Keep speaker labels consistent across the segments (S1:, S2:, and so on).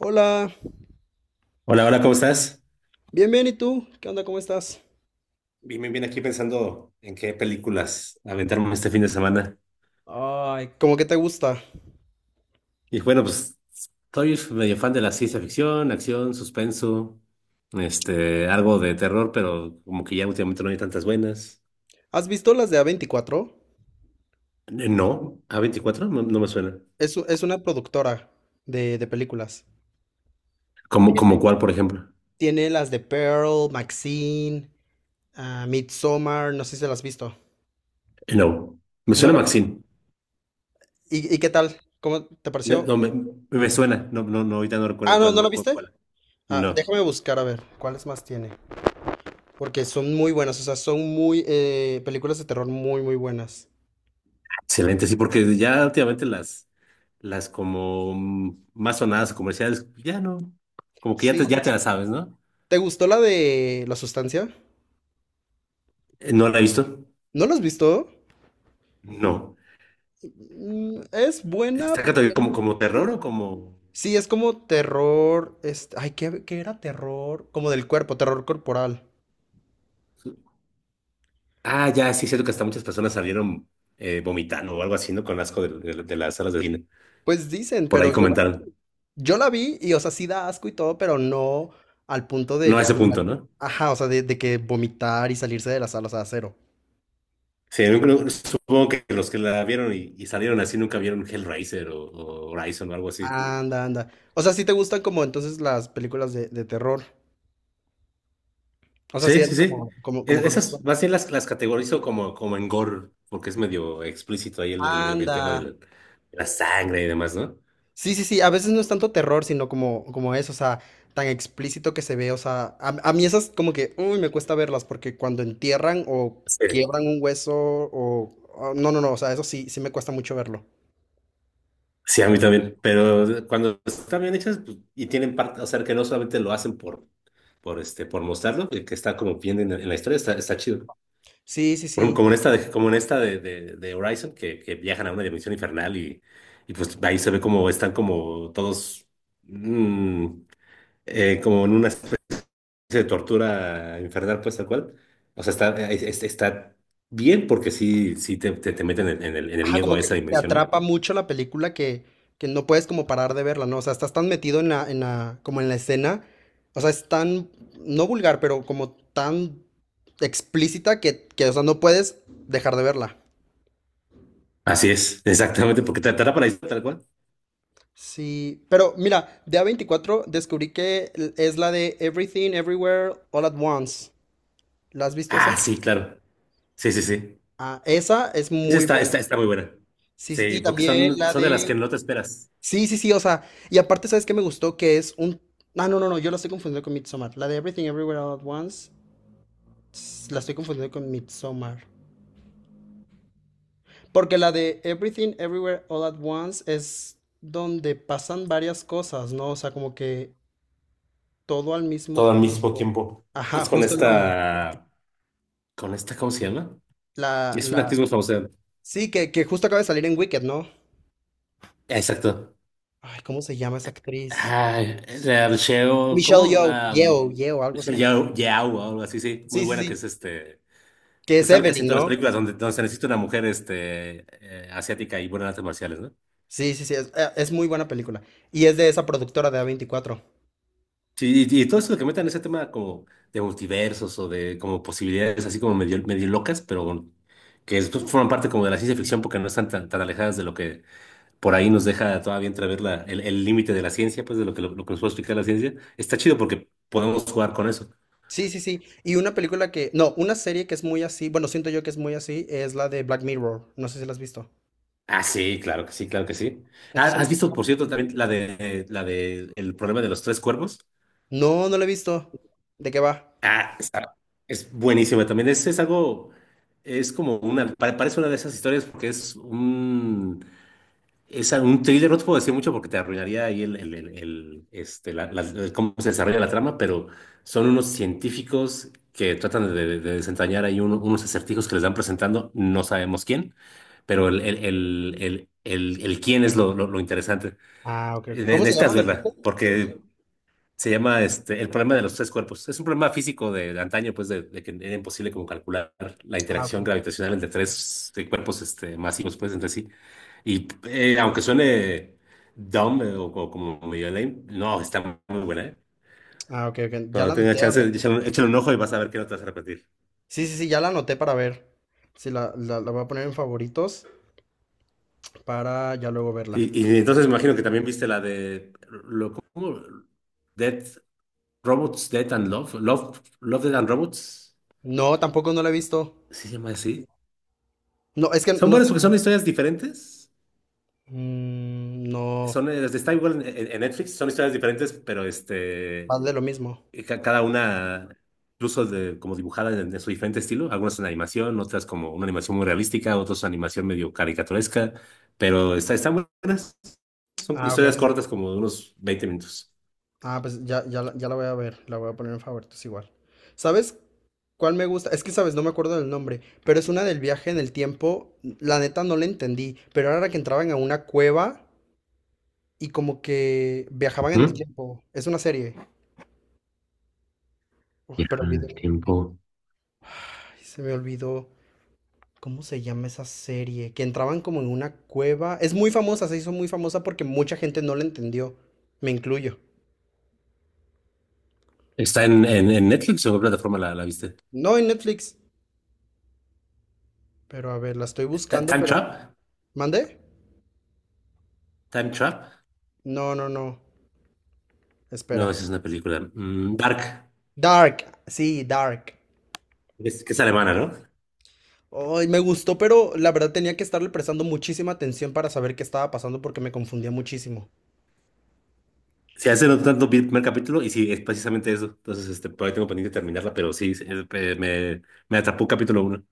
S1: Hola,
S2: Hola, hola, ¿cómo estás?
S1: bien, bien, ¿y tú? ¿Qué onda? ¿Cómo estás?
S2: Bien, bien, bien, aquí pensando en qué películas aventarme este fin de semana.
S1: Ay, ¿cómo que te gusta?
S2: Y bueno, pues soy medio fan de la ciencia ficción, acción, suspenso, algo de terror, pero como que ya últimamente no hay tantas buenas.
S1: ¿Has visto las de A24?
S2: No, a 24 no, no me suena.
S1: Es, es una productora de películas.
S2: ¿Como, como
S1: Tiene.
S2: cuál, por ejemplo?
S1: Tiene las de Pearl, Maxine, ah, Midsommar, no sé si las has visto.
S2: No, me
S1: ¿No?
S2: suena Maxine.
S1: ¿Y qué tal? ¿Cómo te
S2: No,
S1: pareció?
S2: no, me, me suena, no, no, no, ahorita no
S1: Ah,
S2: recuerdo
S1: no, ¿no la
S2: cuál.
S1: viste? Ah,
S2: No.
S1: déjame buscar a ver cuáles más tiene. Porque son muy buenas, o sea, son muy películas de terror muy, muy buenas.
S2: Excelente, sí, porque ya últimamente las como más sonadas o comerciales, ya no, como que
S1: Sí,
S2: ya te
S1: sí.
S2: la sabes, ¿no?
S1: ¿Te gustó la de La Sustancia?
S2: ¿No la he visto?
S1: ¿No la has visto?
S2: No.
S1: Mm, es buena.
S2: ¿Está catalogada como, como terror o como?
S1: Sí, es como terror. Este, ay, ¿qué era terror? Como del cuerpo, terror corporal.
S2: Ah, ya, sí, es cierto que hasta muchas personas salieron vomitando o algo así, ¿no? Con asco de las salas de cine.
S1: Pues dicen,
S2: Por
S1: pero
S2: ahí comentaron.
S1: yo la vi y, o sea, sí da asco y todo, pero no al punto de
S2: No a
S1: ya
S2: ese punto, ¿no?
S1: Ajá, o sea, de, que vomitar y salirse de la sala, o sea, cero.
S2: Sí, yo creo, supongo que los que la vieron y salieron así nunca vieron Hellraiser o Horizon o algo así.
S1: Anda, anda. O sea, sí te gustan como entonces las películas de terror. O sea, sí
S2: Sí, sí,
S1: eres
S2: sí.
S1: como, como, como conoces.
S2: Esas más bien las categorizo como, como en gore, porque es medio explícito ahí el tema
S1: Anda.
S2: de la sangre y demás, ¿no?
S1: Sí, sí, sí, a veces no es tanto terror, sino como, como eso, o sea, tan explícito que se ve, o sea, a mí esas como que, uy, me cuesta verlas, porque cuando entierran o
S2: Sí,
S1: quiebran un hueso, no, no, no, o sea, eso sí, sí me cuesta mucho verlo.
S2: sí, a mí también. Pero cuando están bien hechas pues, y tienen parte, o sea, que no solamente lo hacen por mostrarlo, que está como bien en la historia, está, está chido.
S1: Sí, sí,
S2: Por ejemplo,
S1: sí.
S2: como en esta de, como en esta de Horizon, que viajan a una dimensión infernal y pues ahí se ve como están como todos mm, como en una de tortura infernal, pues tal cual. O sea, está, está bien porque sí, sí te meten en en el
S1: Ajá,
S2: miedo
S1: como
S2: a
S1: que
S2: esa
S1: te
S2: dimensión, ¿no?
S1: atrapa mucho la película que no puedes como parar de verla, ¿no? O sea, estás tan metido en la, como en la escena, o sea, es tan, no vulgar, pero como tan explícita que, o sea, no puedes dejar de verla.
S2: Así es, exactamente, porque te para tal cual.
S1: Sí, pero mira, de A24 descubrí que es la de Everything, Everywhere, All at Once. ¿La has visto esa?
S2: Ah, sí, claro. Sí, sí, sí.
S1: Ah, esa es
S2: Esa
S1: muy
S2: está,
S1: buena.
S2: está muy buena.
S1: Sí, sí,
S2: Sí,
S1: y
S2: porque
S1: también
S2: son,
S1: la
S2: son de las que
S1: de...
S2: no te esperas.
S1: Sí, sí, sí, o sea, y aparte, ¿sabes qué me gustó? Que es un... Ah, no, no, no, yo la estoy confundiendo con Midsommar. La de Everything, Everywhere, All at Once, la estoy confundiendo con Midsommar. Porque la de Everything, Everywhere, All at Once es donde pasan varias cosas, ¿no? O sea, como que todo al mismo
S2: Todo al mismo
S1: tiempo.
S2: tiempo.
S1: Ajá,
S2: Es
S1: justo el nombre.
S2: con esta, ¿cómo se llama?
S1: La,
S2: Es
S1: la,
S2: una actriz muy famosa.
S1: sí, que justo acaba de salir en Wicked, ¿no?
S2: Exacto.
S1: Ay, ¿cómo se llama esa actriz?
S2: Ay, la Michelle,
S1: Michelle
S2: ¿cómo? Ah,
S1: Yeoh, algo así.
S2: Michelle Yeoh, Yeoh, o algo así, sí. Muy
S1: Sí, sí,
S2: buena que
S1: sí.
S2: es este.
S1: Que
S2: Pues
S1: es
S2: sale casi en
S1: Evelyn,
S2: todas las
S1: ¿no?
S2: películas donde se necesita una mujer asiática y buena en artes marciales, ¿no?
S1: Sí, sí, sí, es muy buena película. Y es de esa productora de a veinticuatro.
S2: Sí, y todo eso que metan ese tema como de multiversos o de como posibilidades así como medio, medio locas, pero bueno, que después forman parte como de la ciencia ficción porque no están tan alejadas de lo que por ahí nos deja todavía entrever el límite de la ciencia, pues de lo lo que nos puede explicar la ciencia. Está chido porque podemos jugar con eso.
S1: Sí, sí, sí. Y una película que, no, una serie que es muy así, bueno, siento yo que es muy así, es la de Black Mirror. No sé si la has visto.
S2: Ah, sí, claro que sí, claro que sí. Ah,
S1: Entonces, ¿cómo
S2: ¿has
S1: que te
S2: visto,
S1: va?
S2: por cierto, también la de el problema de los tres cuervos?
S1: No, no la he visto. ¿De qué va?
S2: Ah, es buenísima también. Es algo, es como una, parece una de esas historias porque es un thriller, no te puedo decir mucho porque te arruinaría ahí el cómo se desarrolla la trama, pero son unos científicos que tratan de desentrañar ahí unos acertijos que les van presentando, no sabemos quién, pero el quién es lo interesante.
S1: Ah, ok, ok. ¿Cómo se llama,
S2: Necesitas
S1: me dijiste?
S2: verla porque se llama este, el problema de los tres cuerpos. Es un problema físico de antaño, pues, de que era imposible como calcular la
S1: Ah,
S2: interacción
S1: ok.
S2: gravitacional entre tres cuerpos este, masivos, pues, entre sí. Y aunque suene dumb o como medio lame, no, está muy buena, ¿eh?
S1: Ah, ok, ok. Ya
S2: Cuando
S1: la
S2: tenga
S1: anoté, a
S2: chance,
S1: ver.
S2: échale, échale un ojo y vas a ver que no te vas a repetir.
S1: Sí, sí, sí, ya la anoté para ver. Sí, la voy a poner en favoritos para ya luego verla.
S2: Y entonces me imagino que también viste la de lo, ¿cómo? Dead Robots, Death and Love, Love, Love, Death and Robots,
S1: No, tampoco no la he visto.
S2: ¿sí se llama así?
S1: No, es que
S2: Son
S1: no
S2: buenas
S1: sé.
S2: porque son historias diferentes.
S1: Mm, no,
S2: Son, está igual en Netflix, son historias diferentes, pero
S1: va de lo mismo.
S2: cada una incluso de, como dibujada en su diferente estilo. Algunas son animación, otras como una animación muy realística, otras son animación medio caricaturesca, pero está, están buenas. Son
S1: Ah, ok,
S2: historias
S1: ok.
S2: cortas, como de unos 20 minutos.
S1: Ah, pues ya, ya, ya la voy a ver. La voy a poner en favoritos igual. ¿Sabes cuál me gusta? Es que, ¿sabes? No me acuerdo del nombre, pero es una del viaje en el tiempo. La neta no la entendí, pero era que entraban a una cueva y como que viajaban en el
S2: Ujú.
S1: tiempo. Es una serie. Oh,
S2: Ya,
S1: pero olvidé.
S2: el tiempo.
S1: Ay, se me olvidó. ¿Cómo se llama esa serie? Que entraban como en una cueva. Es muy famosa, se hizo muy famosa porque mucha gente no la entendió. Me incluyo.
S2: ¿Está en Netflix o en qué plataforma la, la viste?
S1: No en Netflix. Pero a ver, la estoy buscando,
S2: ¿Time
S1: pero...
S2: Trap?
S1: ¿Mandé?
S2: ¿Time Trap?
S1: No, no, no. Espera.
S2: No, esa es una película. Mm, Dark.
S1: Dark. Sí, Dark.
S2: Es alemana, ¿no?
S1: Ay, me gustó, pero la verdad tenía que estarle prestando muchísima atención para saber qué estaba pasando porque me confundía muchísimo.
S2: Sí, hace no tanto vi el primer capítulo y sí, es precisamente eso. Entonces, este, por ahí tengo pendiente de terminarla, pero sí, sí, me atrapó capítulo uno.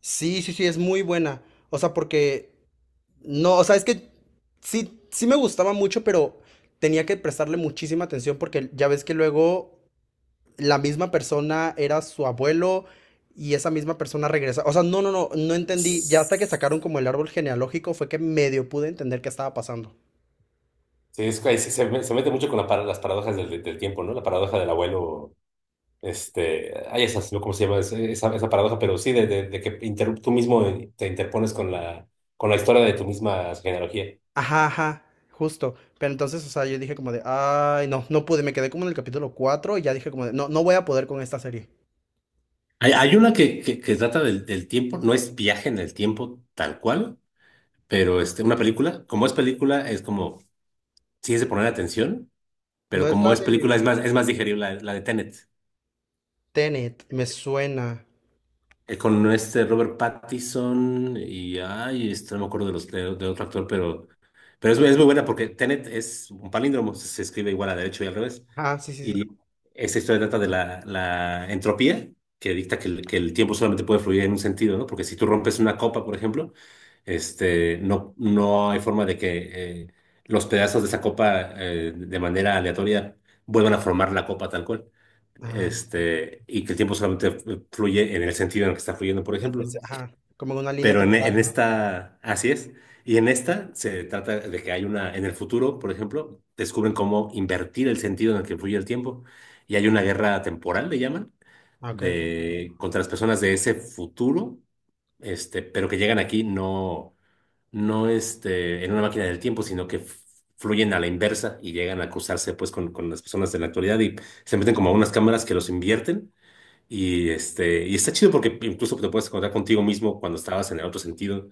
S1: Sí, sí, sí, es muy buena. O sea, porque no, o sea, es que sí, sí me gustaba mucho, pero tenía que prestarle muchísima atención porque ya ves que luego la misma persona era su abuelo y esa misma persona regresa. O sea, no, no, no, no entendí. Ya hasta que sacaron como el árbol genealógico fue que medio pude entender qué estaba pasando.
S2: Sí, es, que ahí se, se mete mucho con la las paradojas del tiempo, ¿no? La paradoja del abuelo, este, hay esas, ¿no? ¿Cómo se llama esa, esa paradoja? Pero sí, de que tú mismo te interpones con con la historia de tu misma genealogía.
S1: Ajá, ajá, justo. Pero entonces, o sea, yo dije como de, ay, no, no pude. Me quedé como en el capítulo 4 y ya dije como de, no, no voy a poder con esta serie.
S2: Hay una que, que trata del tiempo, no es viaje en el tiempo tal cual, pero este, una película, como es película, es como, sí es de poner atención.
S1: No
S2: Pero
S1: es
S2: como
S1: la
S2: es
S1: de
S2: película, es más digerible la de Tenet.
S1: Tenet, me suena.
S2: Con este Robert Pattinson y, ay, este, no me acuerdo de otro actor, pero es, es muy buena porque Tenet es un palíndromo, se escribe igual a derecho y al revés.
S1: Ah, sí, sí, sí.
S2: Esta historia trata de la entropía, que dicta que que el tiempo solamente puede fluir en un sentido, ¿no? Porque si tú rompes una copa, por ejemplo, no hay forma de que los pedazos de esa copa de manera aleatoria vuelvan a formar la copa tal cual.
S1: Ah.
S2: Este, y que el tiempo solamente fluye en el sentido en el que está fluyendo, por ejemplo. ¿No?
S1: Ajá, como en una línea
S2: Pero
S1: temporal,
S2: en
S1: ¿no?
S2: esta, así es. Y en esta se trata de que hay una, en el futuro, por ejemplo, descubren cómo invertir el sentido en el que fluye el tiempo. Y hay una guerra temporal, le llaman,
S1: Ah, ok, ok.
S2: de, contra las personas de ese futuro, pero que llegan aquí no, en una máquina del tiempo, sino que fluyen a la inversa y llegan a cruzarse pues con las personas de la actualidad y se meten como a unas cámaras que los invierten y, este, y está chido porque incluso te puedes encontrar contigo mismo cuando estabas en el otro sentido.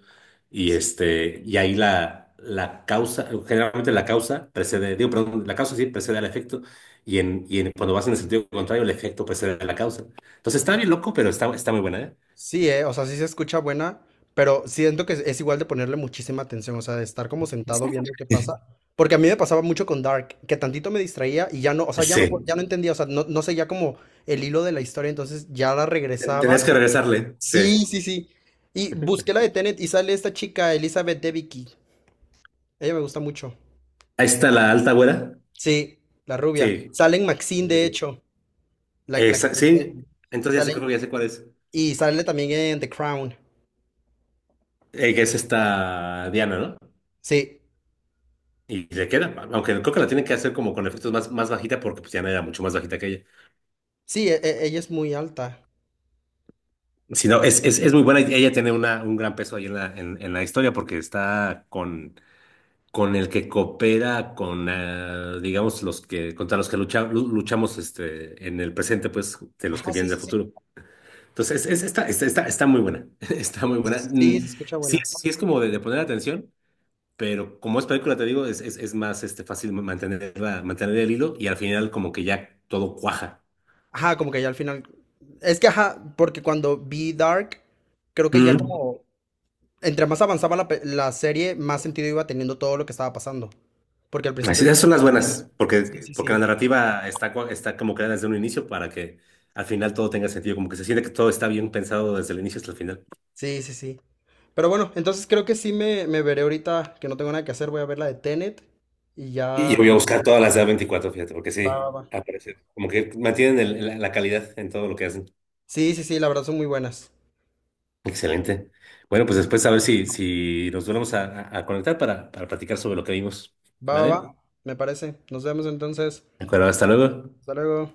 S2: Y,
S1: Sí,
S2: este, y ahí la causa, generalmente la causa precede, digo, perdón, la causa sí precede al efecto. Y, cuando vas en el sentido contrario, el efecto precede a la causa. Entonces está bien loco, pero está, está muy buena, ¿eh?
S1: sí, o sea, sí se escucha buena, pero siento que es igual de ponerle muchísima atención, o sea, de estar como sentado viendo qué pasa. Porque a mí me pasaba mucho con Dark, que tantito me distraía y ya no, o sea, ya no,
S2: Sí.
S1: ya no entendía, o sea, no, no seguía como el hilo de la historia, entonces ya la regresaba.
S2: Tenías que regresarle. Sí.
S1: Sí, sí, sí. Y busqué la de Tenet y sale esta chica, Elizabeth Debicki. Ella me gusta mucho.
S2: Ahí está la alta güera.
S1: Sí, la rubia.
S2: Sí.
S1: Sale en Maxine, de hecho. La que
S2: Esa,
S1: te digo.
S2: sí. Entonces ya sé,
S1: Sale.
S2: creo que ya sé cuál es.
S1: Y sale también en The Crown.
S2: Que es esta Diana, ¿no?
S1: Sí,
S2: Y le queda, aunque creo que la tienen que hacer como con efectos más, más bajita porque pues Diana era mucho más bajita que ella.
S1: sí, ella es muy alta.
S2: Si no, es, es muy buena. Y ella tiene una, un gran peso ahí en en la historia porque está con el que coopera con, digamos, los que, contra los que lu- luchamos este, en el presente, pues, de los que
S1: Ajá, sí,
S2: vienen del
S1: sí, sí.
S2: futuro. Entonces, es, está, está muy buena. Está muy buena.
S1: Sí,
S2: Mm,
S1: se escucha
S2: sí,
S1: buena.
S2: sí es como de poner atención. Pero como es película, te digo, es más este, fácil mantenerla, mantener el hilo y al final como que ya todo cuaja.
S1: Ajá, como que ya al final. Es que, ajá, porque cuando vi Dark, creo que ya
S2: Mm.
S1: como, entre más avanzaba la, la serie, más sentido iba teniendo todo lo que estaba pasando. Porque al principio
S2: Así,
S1: es
S2: esas
S1: como
S2: son
S1: que
S2: las
S1: te empieza...
S2: buenas, porque,
S1: Sí, sí,
S2: porque la
S1: sí.
S2: narrativa está, está como creada desde un inicio para que al final todo tenga sentido, como que se siente que todo está bien pensado desde el inicio hasta el final.
S1: Sí, sí, sí. Pero bueno, entonces creo que sí me veré ahorita que no tengo nada que hacer. Voy a ver la de Tenet y
S2: Y yo
S1: ya.
S2: voy a buscar todas las de A24, fíjate, porque
S1: Va, va,
S2: sí,
S1: va.
S2: aparece. Como que mantienen la calidad en todo lo que hacen.
S1: Sí, sí, sí, la verdad son muy buenas.
S2: Excelente. Bueno, pues después a ver si, si nos volvemos a conectar para platicar sobre lo que vimos.
S1: Va, va,
S2: ¿Vale?
S1: va. Me parece. Nos vemos entonces.
S2: De acuerdo, hasta luego.
S1: Hasta luego.